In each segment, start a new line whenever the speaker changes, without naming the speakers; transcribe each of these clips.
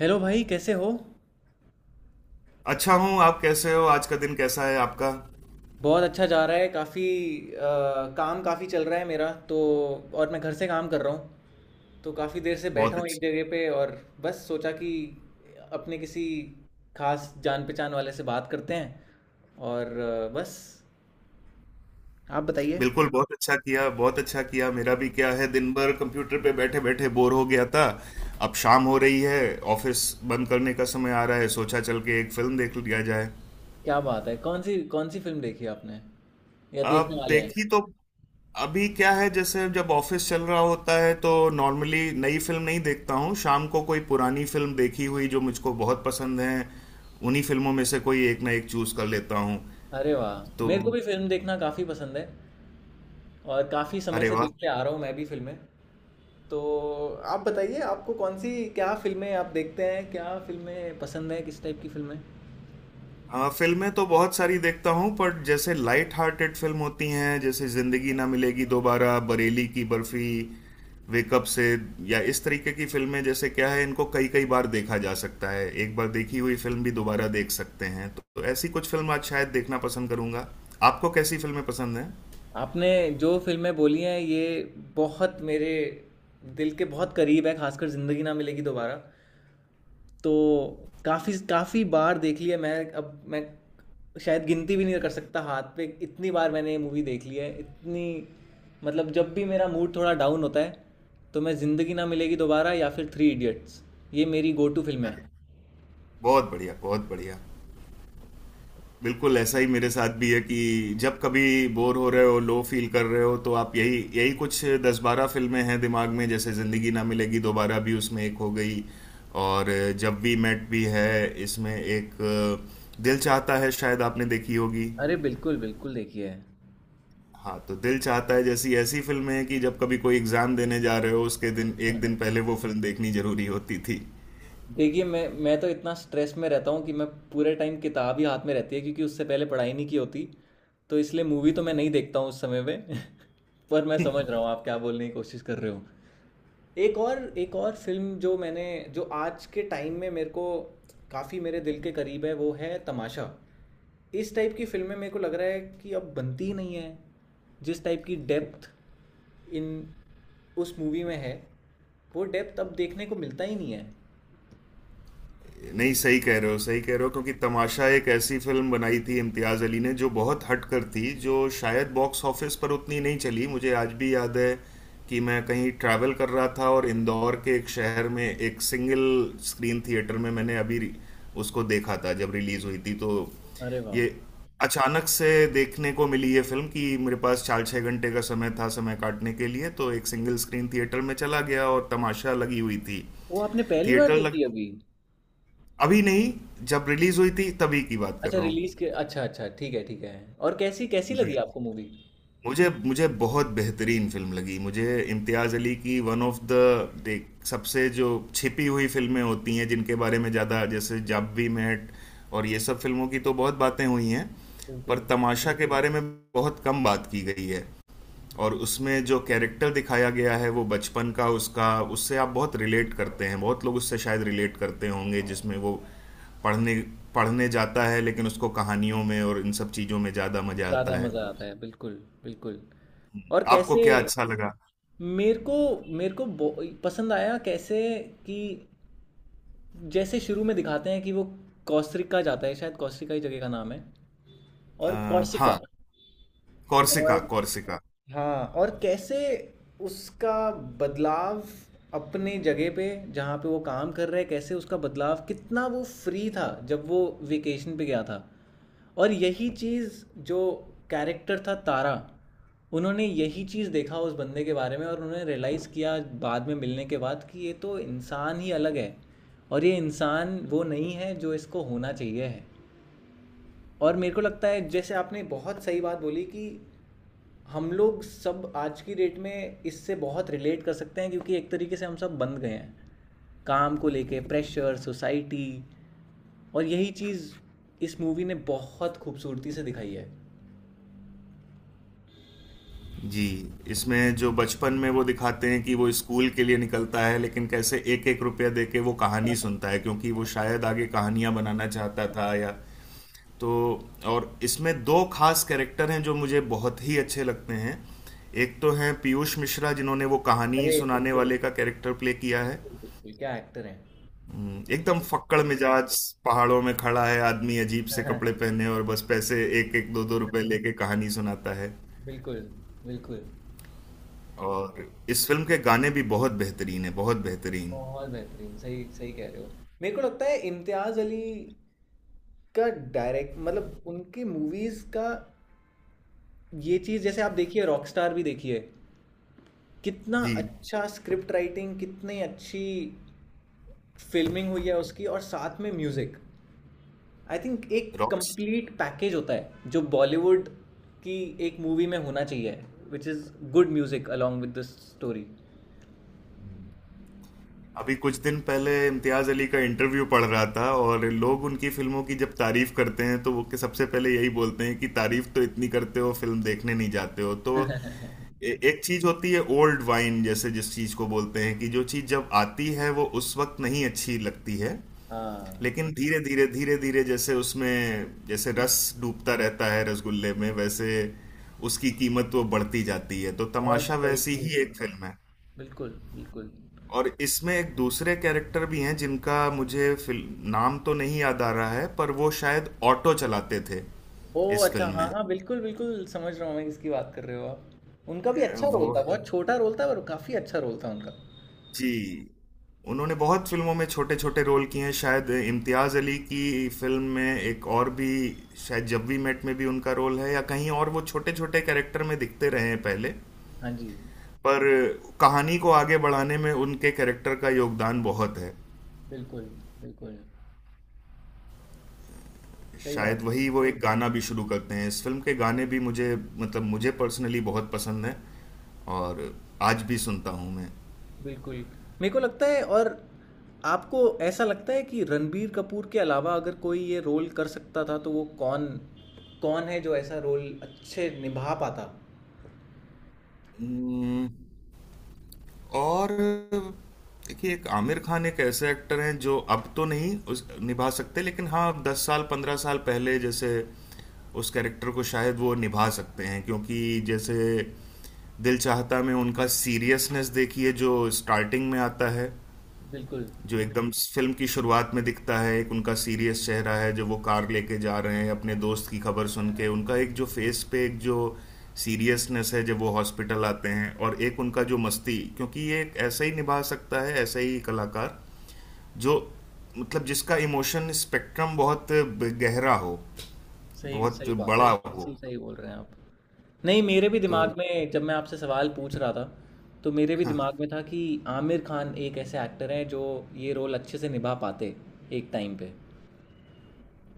Hello भाई कैसे हो।
अच्छा हूँ। आप कैसे हो? आज का दिन कैसा है आपका?
बहुत अच्छा जा रहा है। काफ़ी काम काफ़ी चल रहा है मेरा तो। और मैं घर से काम कर रहा हूँ तो काफ़ी देर से बैठा
बहुत
हूँ एक
अच्छा।
जगह पे। और बस सोचा कि अपने किसी खास जान पहचान वाले से बात करते हैं। और बस आप बताइए।
बिल्कुल, बहुत अच्छा किया, बहुत अच्छा किया। मेरा भी क्या है, दिन भर कंप्यूटर पे बैठे बैठे बोर हो गया था। अब शाम हो रही है, ऑफिस बंद करने का समय आ रहा है। सोचा चल के एक फिल्म देख लिया जाए।
क्या बात है, कौन सी फिल्म देखी आपने या
अब
देखने वाले हैं।
देखी तो अभी क्या है, जैसे जब ऑफिस चल रहा होता है तो नॉर्मली नई फिल्म नहीं देखता हूँ। शाम को कोई पुरानी फिल्म, देखी हुई जो मुझको बहुत पसंद है, उन्हीं फिल्मों में से कोई एक ना एक चूज कर लेता हूँ
अरे वाह,
तो।
मेरे को भी फिल्म देखना काफ़ी पसंद है और काफ़ी समय
अरे
से
वाह।
देखते आ रहा हूँ मैं भी फिल्में। तो आप बताइए, आपको कौन सी, क्या फिल्में आप देखते हैं, क्या फिल्में पसंद हैं, किस टाइप की फिल्में।
हाँ, फिल्में तो बहुत सारी देखता हूँ, पर जैसे लाइट हार्टेड फिल्म होती हैं जैसे ज़िंदगी ना मिलेगी दोबारा, बरेली की बर्फी, वेकअप से, या इस तरीके की फिल्में, जैसे क्या है इनको कई कई बार देखा जा सकता है, एक बार देखी हुई फिल्म भी दोबारा देख सकते हैं तो ऐसी कुछ फिल्म आज शायद देखना पसंद करूंगा। आपको कैसी फिल्में पसंद हैं?
आपने जो फिल्में बोली हैं ये बहुत मेरे दिल के बहुत करीब है, खासकर ज़िंदगी ना मिलेगी दोबारा। तो काफ़ी काफ़ी बार देख ली है। मैं शायद गिनती भी नहीं कर सकता हाथ पे इतनी बार मैंने ये मूवी देख ली है। इतनी मतलब जब भी मेरा मूड थोड़ा डाउन होता है तो मैं ज़िंदगी ना मिलेगी दोबारा या फिर थ्री इडियट्स, ये मेरी गो टू फिल्में हैं।
बहुत बढ़िया, बहुत बढ़िया। बिल्कुल ऐसा ही मेरे साथ भी है कि जब कभी बोर हो रहे हो, लो फील कर रहे हो, तो आप यही यही कुछ दस बारह फिल्में हैं दिमाग में, जैसे ज़िंदगी ना मिलेगी दोबारा भी उसमें एक हो गई। और जब वी मेट भी है इसमें एक। दिल चाहता है, शायद आपने देखी होगी।
अरे बिल्कुल बिल्कुल। देखिए
हाँ, तो दिल चाहता है जैसी ऐसी फिल्में हैं कि जब कभी कोई एग्ज़ाम देने जा रहे हो, उसके दिन, एक दिन पहले वो फिल्म देखनी ज़रूरी होती थी।
देखिए मैं तो इतना स्ट्रेस में रहता हूँ कि मैं पूरे टाइम किताब ही हाथ में रहती है, क्योंकि उससे पहले पढ़ाई नहीं की होती। तो इसलिए मूवी तो मैं नहीं देखता हूँ उस समय पे पर मैं समझ रहा हूँ आप क्या बोलने की कोशिश कर रहे हो। एक और फिल्म जो मैंने, जो आज के टाइम में मेरे को काफ़ी मेरे दिल के करीब है, वो है तमाशा। इस टाइप की फिल्में मेरे को लग रहा है कि अब बनती ही नहीं है। जिस टाइप की डेप्थ इन उस मूवी में है, वो डेप्थ अब देखने को मिलता ही नहीं है।
नहीं, सही कह रहे हो, सही कह रहे हो, क्योंकि तमाशा एक ऐसी फिल्म बनाई थी इम्तियाज़ अली ने जो बहुत हट कर थी, जो शायद बॉक्स ऑफिस पर उतनी नहीं चली। मुझे आज भी याद है कि मैं कहीं ट्रैवल कर रहा था और इंदौर के एक शहर में एक सिंगल स्क्रीन थिएटर में मैंने उसको देखा था जब रिलीज़ हुई थी तो।
अरे वाह।
ये अचानक से देखने को मिली ये फिल्म कि मेरे पास चार छः घंटे का समय था, समय काटने के लिए तो एक सिंगल स्क्रीन थिएटर में चला गया और तमाशा लगी हुई थी।
वो आपने पहली बार
थिएटर
देखी
लग
अभी?
अभी नहीं, जब रिलीज हुई थी तभी की बात कर
अच्छा,
रहा हूँ।
रिलीज के, अच्छा अच्छा, ठीक है ठीक है। और कैसी कैसी लगी आपको मूवी?
मुझे मुझे बहुत बेहतरीन फिल्म लगी। मुझे इम्तियाज़ अली की वन ऑफ द देख, सबसे जो छिपी हुई फिल्में होती हैं जिनके बारे में ज़्यादा, जैसे जब वी मेट और ये सब फिल्मों की तो बहुत बातें हुई हैं, पर
बिल्कुल
तमाशा के बारे में बहुत कम बात की गई है। और उसमें जो कैरेक्टर दिखाया गया है, वो बचपन का उसका, उससे आप बहुत रिलेट करते हैं, बहुत लोग उससे शायद रिलेट करते होंगे, जिसमें वो पढ़ने पढ़ने जाता है लेकिन उसको कहानियों में और इन सब चीज़ों में ज़्यादा मज़ा
ज़्यादा
आता है।
मज़ा आता है, बिल्कुल बिल्कुल। और
आपको
कैसे,
क्या अच्छा लगा?
मेरे को मेरे को बो पसंद आया? कैसे कि जैसे शुरू में दिखाते हैं कि वो कोस्टा रिका जाता है, शायद कोस्टा रिका ही जगह का नाम है। और
अ,
कोर्सिका।
हाँ, कॉर्सिका,
और
कॉर्सिका।
हाँ, और कैसे उसका बदलाव अपने जगह पे जहाँ पे वो काम कर रहा है, कैसे उसका बदलाव, कितना वो फ्री था जब वो वेकेशन पे गया था। और यही चीज़ जो कैरेक्टर था तारा, उन्होंने यही चीज़ देखा उस बंदे के बारे में और उन्होंने रियलाइज़ किया बाद में मिलने के बाद कि ये तो इंसान ही अलग है, और ये इंसान वो नहीं है जो इसको होना चाहिए है। और मेरे को लगता है, जैसे आपने बहुत सही बात बोली, कि हम लोग सब आज की डेट में इससे बहुत रिलेट कर सकते हैं, क्योंकि एक तरीके से हम सब बंद गए हैं काम को लेके प्रेशर सोसाइटी। और यही चीज़ इस मूवी ने बहुत खूबसूरती से दिखाई है।
जी, इसमें जो बचपन में वो दिखाते हैं कि वो स्कूल के लिए निकलता है, लेकिन कैसे एक एक रुपया दे के वो कहानी सुनता है, क्योंकि वो शायद आगे कहानियां बनाना चाहता था या तो। और इसमें दो खास कैरेक्टर हैं जो मुझे बहुत ही अच्छे लगते हैं। एक तो हैं पीयूष मिश्रा, जिन्होंने वो कहानी
अरे
सुनाने
बिल्कुल
वाले का कैरेक्टर प्ले किया है।
बिल्कुल, बिल्कुल क्या एक्टर हैं।
एकदम फक्कड़ मिजाज, पहाड़ों में खड़ा है आदमी, अजीब से कपड़े
हाँ,
पहने, और बस पैसे एक एक दो दो रुपए लेके कहानी सुनाता है।
बिल्कुल बिल्कुल।
और इस फिल्म के गाने भी बहुत बेहतरीन है, बहुत बेहतरीन।
बहुत बेहतरीन, सही सही कह रहे हो। मेरे को लगता है इम्तियाज अली का डायरेक्ट मतलब उनकी मूवीज का ये चीज़, जैसे आप देखिए, रॉकस्टार भी देखिए, कितना
जी।
अच्छा स्क्रिप्ट राइटिंग, कितनी अच्छी फ़िल्मिंग हुई है उसकी और साथ में म्यूज़िक। आई थिंक एक
रॉक्स।
कंप्लीट पैकेज होता है, जो बॉलीवुड की एक मूवी में होना चाहिए, which is good music along with the story.
अभी कुछ दिन पहले इम्तियाज अली का इंटरव्यू पढ़ रहा था, और लोग उनकी फिल्मों की जब तारीफ करते हैं तो वो के सबसे पहले यही बोलते हैं कि तारीफ तो इतनी करते हो, फिल्म देखने नहीं जाते हो तो। एक चीज होती है ओल्ड वाइन जैसे, जिस चीज को बोलते हैं कि जो चीज जब आती है वो उस वक्त नहीं अच्छी लगती है,
हाँ,
लेकिन धीरे धीरे धीरे धीरे जैसे उसमें, जैसे रस डूबता रहता है रसगुल्ले में, वैसे उसकी कीमत वो बढ़ती जाती है, तो
बहुत
तमाशा
सही
वैसी
चीज़
ही
बोल
एक
रहा हूँ।
फिल्म है।
बिल्कुल, बिल्कुल।
और इसमें एक दूसरे कैरेक्टर भी हैं जिनका मुझे फिल्म नाम तो नहीं याद आ रहा है, पर वो शायद ऑटो चलाते थे
ओह!
इस
अच्छा,
फिल्म
हाँ,
में।
हाँ, बिल्कुल, बिल्कुल समझ रहा हूँ मैं किसकी बात कर रहे हो आप। उनका भी
अ,
अच्छा
वो
रोल था, बहुत छोटा रोल था पर काफ़ी अच्छा रोल था उनका।
जी, उन्होंने बहुत फिल्मों में छोटे छोटे रोल किए हैं, शायद इम्तियाज़ अली की फिल्म में एक और भी, शायद जब वी मेट में भी उनका रोल है, या कहीं और वो छोटे छोटे कैरेक्टर में दिखते रहे हैं पहले।
हाँ जी,
पर कहानी को आगे बढ़ाने में उनके कैरेक्टर का योगदान बहुत है।
बिल्कुल, बिल्कुल, सही बात
शायद
है,
वही वो एक गाना भी शुरू करते हैं। इस फ़िल्म के गाने भी मुझे, मतलब मुझे पर्सनली बहुत पसंद हैं, और आज भी सुनता हूँ मैं।
बिल्कुल। मेरे को लगता है, और आपको ऐसा लगता है कि रणबीर कपूर के अलावा अगर कोई ये रोल कर सकता था तो वो कौन कौन है जो ऐसा रोल अच्छे निभा पाता?
उम्म, और देखिए, एक आमिर खान एक ऐसे एक्टर हैं जो अब तो नहीं उस निभा सकते, लेकिन हाँ दस साल पंद्रह साल पहले जैसे उस कैरेक्टर को शायद वो निभा सकते हैं, क्योंकि जैसे दिल चाहता में उनका सीरियसनेस देखिए जो स्टार्टिंग में आता है,
बिल्कुल,
जो एकदम फिल्म की शुरुआत में दिखता है। एक उनका सीरियस चेहरा है जो वो कार लेके जा रहे हैं अपने दोस्त की खबर सुन के, उनका एक जो फेस पे एक जो सीरियसनेस है जब वो हॉस्पिटल आते हैं, और एक उनका जो मस्ती, क्योंकि ये एक ऐसा ही निभा सकता है, ऐसा ही कलाकार जो, मतलब जिसका इमोशन स्पेक्ट्रम बहुत गहरा हो,
सही
बहुत
सही बात है,
बड़ा हो
बिल्कुल सही बोल रहे हैं आप। नहीं, मेरे भी
तो।
दिमाग में जब मैं आपसे सवाल पूछ रहा था, तो मेरे भी दिमाग में था कि आमिर खान एक ऐसे एक्टर हैं जो ये रोल अच्छे से निभा पाते एक टाइम पे।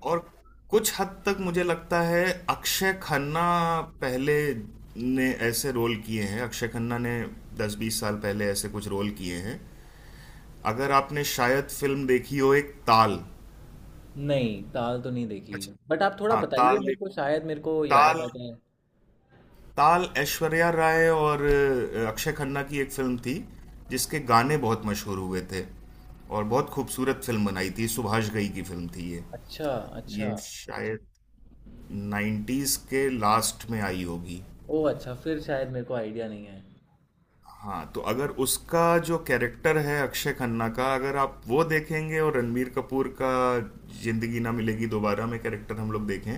और कुछ हद तक मुझे लगता है अक्षय खन्ना, पहले ने ऐसे रोल किए हैं, अक्षय खन्ना ने 10-20 साल पहले ऐसे कुछ रोल किए हैं। अगर आपने शायद फिल्म देखी हो, एक ताल।
नहीं, ताल तो नहीं देखी।
अच्छा।
बट आप थोड़ा
हाँ
बताइए,
ताल
मेरे
देख
को शायद मेरे को याद
ताल,
आ जाए।
ताल ऐश्वर्या राय और अक्षय खन्ना की एक फिल्म थी, जिसके गाने बहुत मशहूर हुए थे, और बहुत खूबसूरत फिल्म बनाई थी, सुभाष घई की फिल्म थी ये।
अच्छा अच्छा।
ये शायद 90s के लास्ट में आई होगी।
ओ अच्छा, फिर शायद मेरे को आइडिया नहीं है।
हाँ, तो अगर उसका जो कैरेक्टर है अक्षय खन्ना का, अगर आप वो देखेंगे, और रणबीर कपूर का जिंदगी ना मिलेगी दोबारा में कैरेक्टर हम लोग देखें,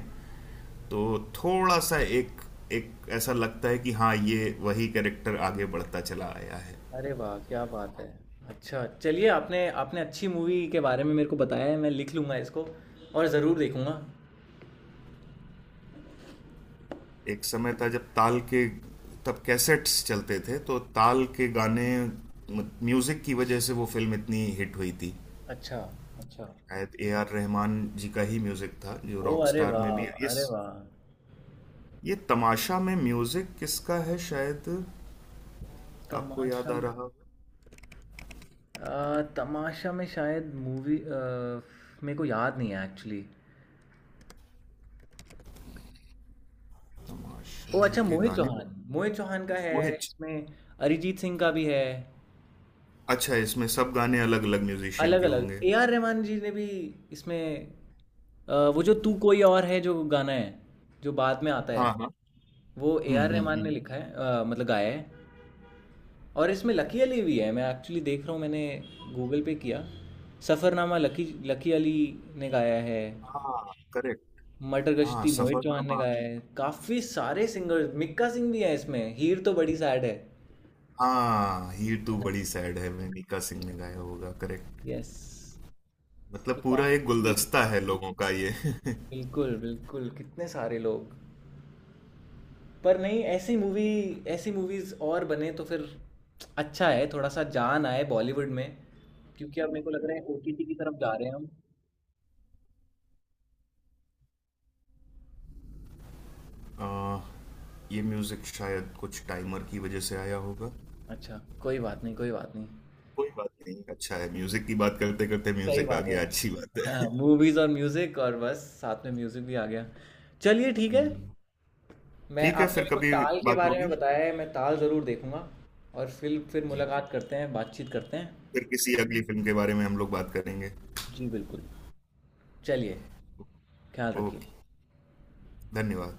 तो थोड़ा सा एक, एक ऐसा लगता है कि हाँ, ये वही कैरेक्टर आगे बढ़ता चला आया है।
अरे वाह, क्या बात है। अच्छा चलिए, आपने आपने अच्छी मूवी के बारे में मेरे को बताया है, मैं लिख लूँगा इसको और ज़रूर देखूँगा।
एक समय था जब ताल के, तब कैसेट्स चलते थे तो ताल के गाने, म्यूजिक की वजह से वो फिल्म इतनी हिट हुई थी।
अच्छा अच्छा।
शायद ए आर रहमान जी का ही म्यूजिक था, जो
ओ अरे
रॉकस्टार में भी
वाह,
इस,
अरे वाह।
ये तमाशा में म्यूजिक किसका है शायद, आपको याद
तमाशा,
आ रहा हो?
तमाशा में शायद मूवी, मेरे को याद नहीं है एक्चुअली। ओ
तमाशा
अच्छा,
के
मोहित
गाने।
चौहान, मोहित चौहान का है
मोहित।
इसमें, अरिजीत सिंह का भी है।
अच्छा, इसमें सब गाने अलग अलग म्यूजिशियन
अलग
के
अलग,
होंगे।
ए आर रहमान जी ने भी इसमें, वो जो तू कोई और है जो गाना है, जो बाद में आता
हाँ, हाँ।
है, वो A
hmm,
R
hmm,
Rahman ने
हम्म।
लिखा है, मतलब गाया है। और इसमें लकी अली भी है, मैं एक्चुअली देख रहा हूँ, मैंने गूगल पे किया। सफ़रनामा लकी लकी अली ने गाया है।
हाँ, करेक्ट।
मटर
हाँ,
गश्ती मोहित चौहान ने
सफरनामा।
गाया है, काफ़ी सारे सिंगर्स, मिक्का सिंह भी है इसमें। हीर तो बड़ी सैड है।
हाँ, ये तो बड़ी सैड है, मैं, मीका सिंह ने गाया होगा, करेक्ट।
यस, तो
मतलब पूरा एक
काफ़ी,
गुलदस्ता है लोगों का ये।
बिल्कुल बिल्कुल, कितने सारे लोग। पर नहीं, ऐसी मूवी, ऐसी मूवीज और बने तो फिर अच्छा है, थोड़ा सा जान आए बॉलीवुड में। क्योंकि अब मेरे को लग रहा है ओटीटी की तरफ जा रहे हैं हम।
आ, ये म्यूजिक शायद कुछ टाइमर की वजह से आया होगा।
अच्छा कोई बात नहीं, कोई बात नहीं।
कोई बात नहीं, अच्छा है, म्यूजिक की बात करते करते
सही
म्यूजिक आ
बात
गया,
है।
अच्छी बात है।
हाँ, मूवीज और म्यूजिक, और बस साथ में म्यूजिक भी आ गया। चलिए ठीक है। मैं,
ठीक है,
आपने
फिर
मेरे को
कभी
ताल के
बात
बारे में
होगी।
बताया है, मैं ताल ज़रूर देखूंगा। और फिर
जी,
मुलाकात करते हैं, बातचीत करते हैं।
फिर किसी अगली फिल्म के बारे में हम लोग बात करेंगे।
जी बिल्कुल। चलिए, ख्याल रखिए।
ओके, धन्यवाद।